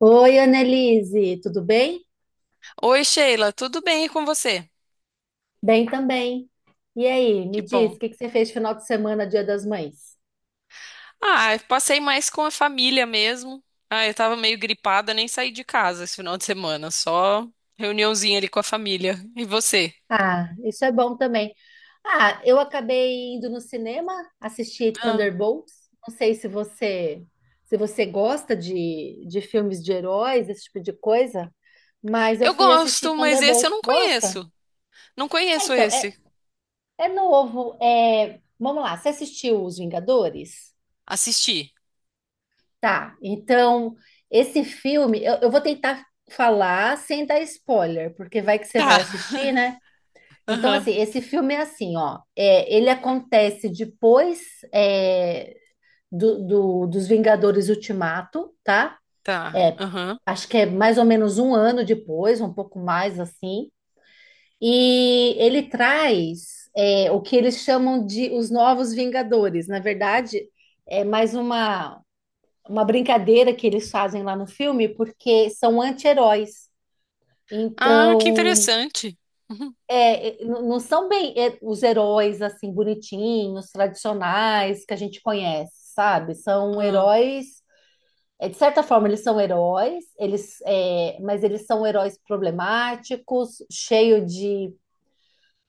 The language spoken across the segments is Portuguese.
Oi, Annelise, tudo bem? Oi, Sheila, tudo bem e com você? Bem também. E aí, me Que diz, o bom. que que você fez final de semana, Dia das Mães? Ah, eu passei mais com a família mesmo. Ah, eu tava meio gripada, nem saí de casa esse final de semana, só reuniãozinha ali com a família. E você? Ah, isso é bom também. Ah, eu acabei indo no cinema assistir Ah, Thunderbolts. Não sei se você gosta de filmes de heróis, esse tipo de coisa, mas eu eu fui assistir gosto, mas esse eu Thunderbolts. não Gosta? conheço. Não É, conheço então, é, esse. é novo. Vamos lá, você assistiu Os Vingadores? Assisti. Tá, então esse filme eu vou tentar falar sem dar spoiler, porque vai que você vai Tá. assistir, né? Então, assim, Aham. esse filme é assim, ó, ele acontece depois é, dos Vingadores Ultimato, tá? Tá. É, Aham. acho que é mais ou menos um ano depois, um pouco mais assim, e ele traz o que eles chamam de os Novos Vingadores. Na verdade, é mais uma brincadeira que eles fazem lá no filme, porque são anti-heróis. Ah, que Então, interessante. Uhum. Não são bem os heróis assim bonitinhos, tradicionais que a gente conhece, sabe? São Ah, heróis, de certa forma eles são heróis, mas eles são heróis problemáticos, cheio de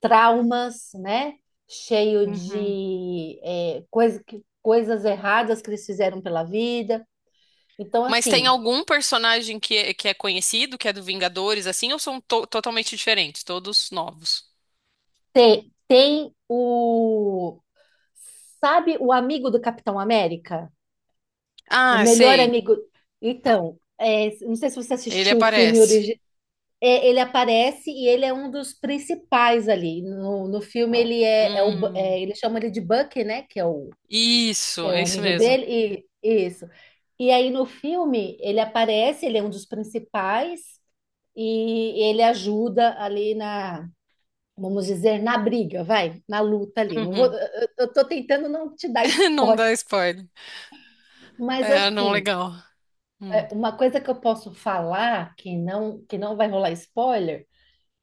traumas, né? Cheio uhum. de coisas erradas que eles fizeram pela vida. Então, Mas tem assim, algum personagem que é conhecido, que é do Vingadores, assim, ou são totalmente diferentes, todos novos? Tem, tem o. Sabe o amigo do Capitão América? O Ah, melhor sei. amigo. Então, não sei se você Ele assistiu o filme aparece. original. Ele aparece e ele é um dos principais ali. No filme, ele é, é o. Bu- Hum, é, ele chama ele de Bucky, né? Que é o, que isso, é o é isso amigo mesmo. dele. E, isso. E aí no filme, ele aparece, ele é um dos principais. E ele ajuda ali na, vamos dizer, na briga, vai, na luta ali. Não vou, Uhum. Eu tô tentando não te dar Não spoiler, dá spoiler. mas É, não assim, legal. Hum. Uma coisa que eu posso falar que não vai rolar spoiler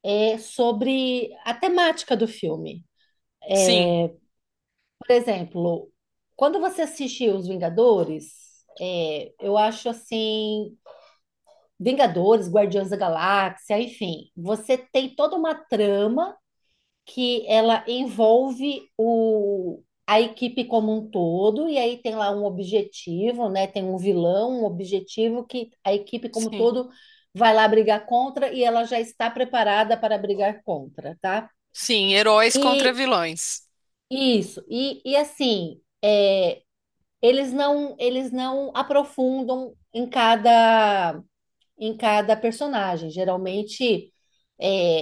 é sobre a temática do filme. Sim, Por exemplo, quando você assistiu Os Vingadores, eu acho assim, Vingadores, Guardiões da Galáxia, enfim, você tem toda uma trama que ela envolve a equipe como um todo, e aí tem lá um objetivo, né? Tem um vilão, um objetivo que a equipe como um sim. todo vai lá brigar contra e ela já está preparada para brigar contra, tá? Sim, heróis contra E vilões. isso, eles não aprofundam em cada personagem. Geralmente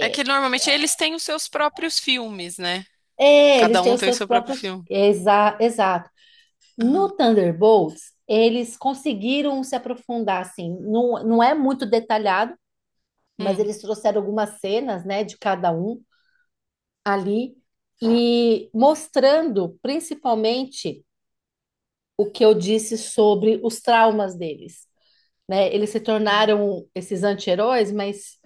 É que normalmente eles têm os seus próprios filmes, né? Eles Cada têm um os tem o seus seu próprio próprios. filme. Aham. No Thunderbolts, eles conseguiram se aprofundar, assim, não é muito detalhado, mas Hum, eles trouxeram algumas cenas, né, de cada um ali, e mostrando principalmente o que eu disse sobre os traumas deles, né? Eles se tornaram esses anti-heróis, mas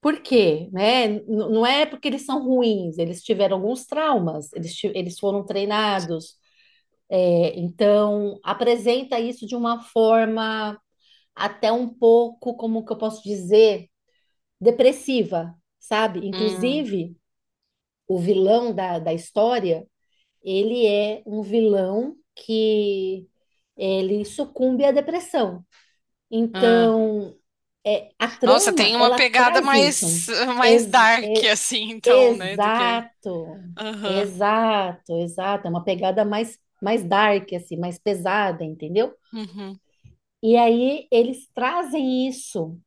por quê, né? Não é porque eles são ruins, eles tiveram alguns traumas, eles foram treinados, então apresenta isso de uma forma até um pouco, como que eu posso dizer, depressiva, sabe? hum, Inclusive, o vilão da história, ele é um vilão que ele sucumbe à depressão. ah. Então, a Nossa, trama, tem uma ela pegada traz isso. mais, mais Ex- dark, é- assim, então, né? Do que. exato, Aham. exato, exato. É uma pegada mais, dark, assim, mais pesada, entendeu? Uhum. E aí eles trazem isso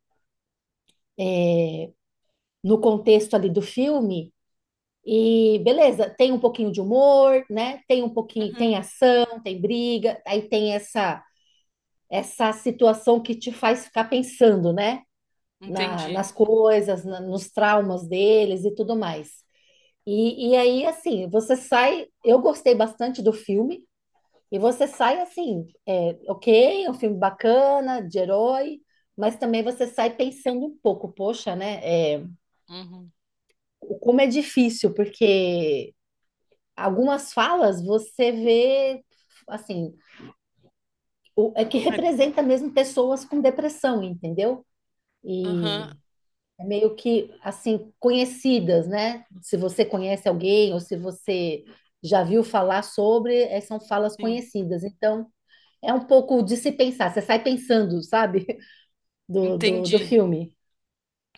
no contexto ali do filme. E beleza, tem um pouquinho de humor, né? Tem um pouquinho, Uhum. tem ação, tem briga, aí tem essa situação que te faz ficar pensando, né? Entendi. Nas coisas, nos traumas deles e tudo mais. E aí, assim, você sai. Eu gostei bastante do filme, e você sai assim, é, ok, é um filme bacana, de herói, mas também você sai pensando um pouco, poxa, né? é, Uhum. como é difícil, porque algumas falas você vê assim, é que Ah, representa mesmo pessoas com depressão, entendeu? aham. E é meio que assim conhecidas, né? Se você conhece alguém ou se você já viu falar sobre, são falas Sim. conhecidas. Então, é um pouco de se pensar, você sai pensando, sabe? Do Entendi. filme.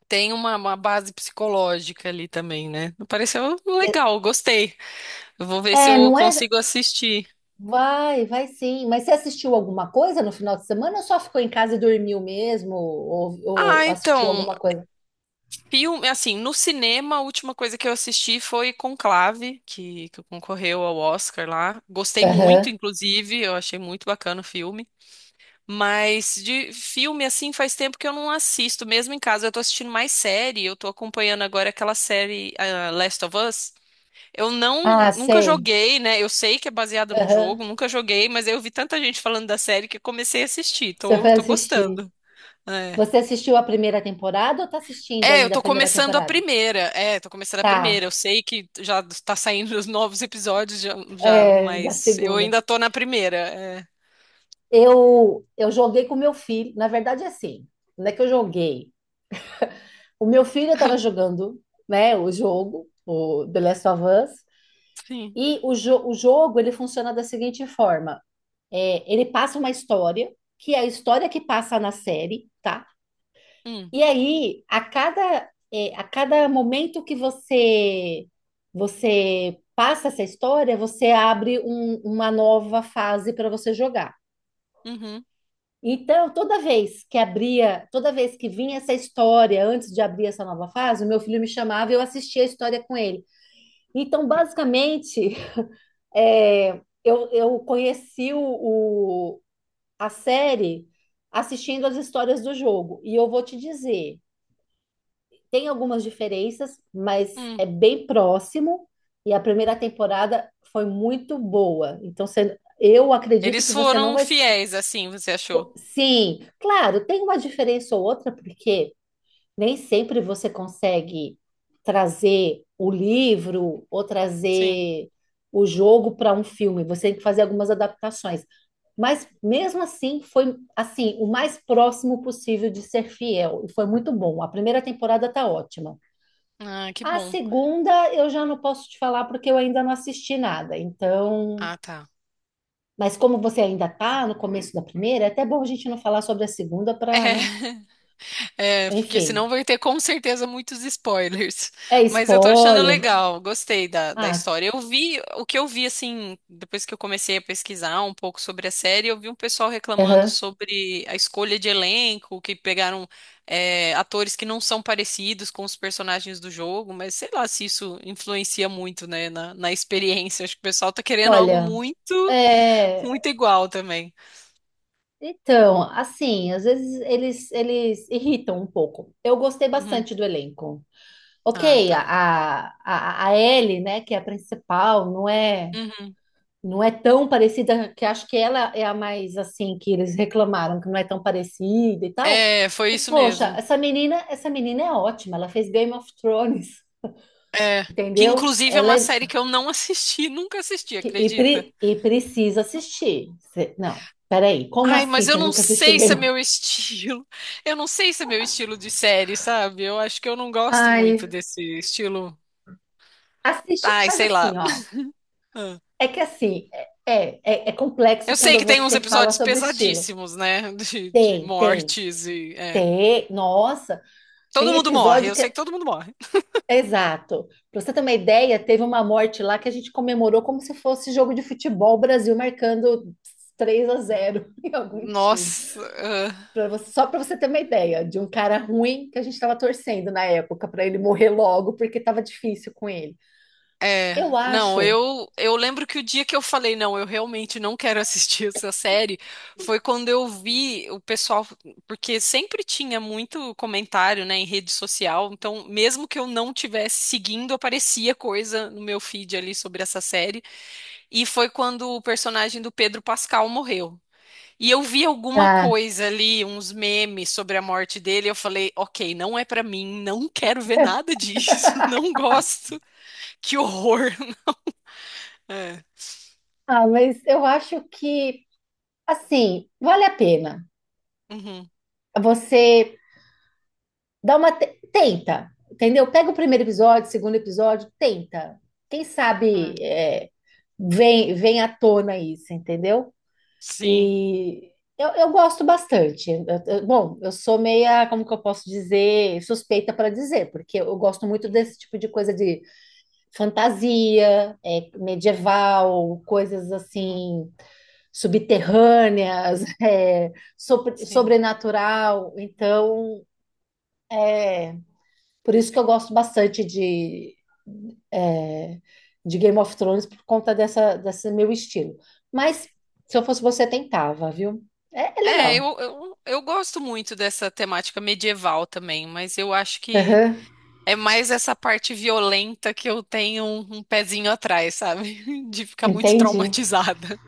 Tem uma base psicológica ali também, né? Pareceu legal, gostei. Eu vou ver se É, eu não é? consigo assistir. Vai, vai sim. Mas você assistiu alguma coisa no final de semana ou só ficou em casa e dormiu mesmo? Ou, Ah, assistiu então, alguma coisa? filme, assim, no cinema, a última coisa que eu assisti foi Conclave, que concorreu ao Oscar lá. Gostei muito, Aham. inclusive, eu achei muito bacana o filme. Mas de filme, assim, faz tempo que eu não assisto, mesmo em casa. Eu tô assistindo mais série, eu tô acompanhando agora aquela série, ah, Last of Us. Eu não, Ah, nunca sei. joguei, né? Eu sei que é baseada num Aham. jogo, nunca joguei, mas eu vi tanta gente falando da série que comecei a assistir. Você Tô, foi tô assistir. gostando. É. Você assistiu a primeira temporada ou tá assistindo É, eu ainda a tô primeira começando a temporada? primeira. É, tô começando a Tá, primeira. Eu sei que já tá saindo os novos episódios já, já, da mas eu segunda. ainda tô na primeira. É. Eu joguei com meu filho. Na verdade, é assim, não é que eu joguei. O meu filho estava jogando, né, o jogo, o The Last of Us, Sim. O jogo, ele funciona da seguinte forma. É, ele passa uma história, que é a história que passa na série, tá? Hum, E aí, a cada momento que você passa essa história, você abre uma nova fase para você jogar. uhum, Então, toda vez que abria, toda vez que vinha essa história, antes de abrir essa nova fase, o meu filho me chamava e eu assistia a história com ele. Então, basicamente, eu conheci a série assistindo as histórias do jogo. E eu vou te dizer. Tem algumas diferenças, mas é hum. bem próximo. E a primeira temporada foi muito boa. Então, eu acredito Eles que você não foram vai. Fiéis, assim, você achou? Pô, sim, claro, tem uma diferença ou outra, porque nem sempre você consegue trazer o livro ou Sim. trazer o jogo para um filme. Você tem que fazer algumas adaptações. Mas mesmo assim, foi assim, o mais próximo possível de ser fiel. E foi muito bom. A primeira temporada tá ótima. Ah, que A bom. segunda eu já não posso te falar porque eu ainda não assisti nada. Então, Ah, tá. mas como você ainda está no começo da primeira, é até bom a gente não falar sobre a segunda É. para, né? É, porque senão Enfim, vai ter com certeza muitos spoilers. é Mas eu tô achando spoiler. legal, gostei da, da Ah, história. Eu vi, o que eu vi, assim, depois que eu comecei a pesquisar um pouco sobre a série, eu vi um pessoal reclamando aham. sobre a escolha de elenco, que pegaram, é, atores que não são parecidos com os personagens do jogo, mas sei lá se isso influencia muito, né, na, na experiência. Acho que o pessoal tá querendo algo Olha, muito, é, muito igual também. então, assim, às vezes eles irritam um pouco. Eu gostei Uhum. bastante do elenco. Ah, Ok, tá. A Ellie, né, que é a principal, não é? Uhum. Não é tão parecida, que acho que ela é a mais assim que eles reclamaram, que não é tão parecida e tal. É, foi Mas isso poxa, mesmo. Essa menina é ótima, ela fez Game of Thrones, É, que entendeu? inclusive é Ela uma é série que eu não assisti, nunca assisti, acredita? Precisa assistir. Não, peraí, como Ai, assim? mas eu Você não nunca assistiu sei se é Game of... meu estilo. Eu não sei se é meu estilo de série, sabe? Eu acho que eu não gosto muito Ai, desse estilo. assiste, Ai, faz sei lá. assim, ó. Ah. É que assim, é, é, é Eu complexo sei quando que tem uns você fala episódios sobre estilo. pesadíssimos, né? De Tem, tem, mortes e. É. tem. Nossa, Todo tem mundo morre, episódio eu que... sei que todo mundo morre. Exato. Para você ter uma ideia, teve uma morte lá que a gente comemorou como se fosse jogo de futebol, o Brasil marcando 3-0 em algum time. Nossa. Só para você ter uma ideia de um cara ruim que a gente estava torcendo na época para ele morrer logo, porque estava difícil com ele. É, Eu não, acho. eu lembro que o dia que eu falei, não, eu realmente não quero assistir essa série, foi quando eu vi o pessoal, porque sempre tinha muito comentário, né, em rede social, então mesmo que eu não tivesse seguindo, aparecia coisa no meu feed ali sobre essa série, e foi quando o personagem do Pedro Pascal morreu. E eu vi alguma Ah, coisa ali, uns memes sobre a morte dele, eu falei, ok, não é pra mim, não quero ver nada disso, não gosto, que horror. É. ah, mas eu acho que, assim, vale a pena Uhum, você... Dá uma tenta, entendeu? Pega o primeiro episódio, o segundo episódio, tenta. Quem é. sabe vem à tona isso, entendeu? Sim. E eu gosto bastante. Bom, eu sou meia, como que eu posso dizer, suspeita para dizer, porque eu gosto muito Uhum, desse tipo de coisa de fantasia, medieval, coisas uhum, assim subterrâneas, sim. sobrenatural. Então é, por isso que eu gosto bastante é, de Game of Thrones, por conta dessa, desse meu estilo. Mas se eu fosse você, tentava, viu? É É, legal. eu gosto muito dessa temática medieval também, mas eu acho que Aham. é mais essa parte violenta que eu tenho um, um pezinho atrás, sabe? De ficar muito Entendi, traumatizada.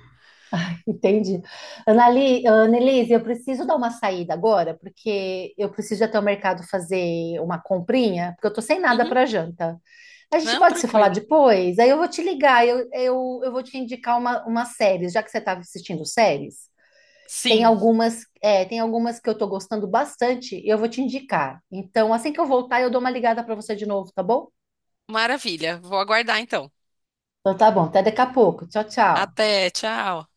entendi. Annelise, eu preciso dar uma saída agora, porque eu preciso ir até o mercado fazer uma comprinha, porque eu tô sem nada Uhum, para janta. A gente não, pode se falar tranquilo. depois? Aí eu vou te ligar, eu vou te indicar uma série, já que você estava assistindo séries. Tem Sim, algumas, tem algumas que eu tô gostando bastante e eu vou te indicar. Então, assim que eu voltar, eu dou uma ligada para você de novo, tá bom? maravilha. Vou aguardar então. Então tá bom, até daqui a pouco. Tchau, tchau. Até, tchau.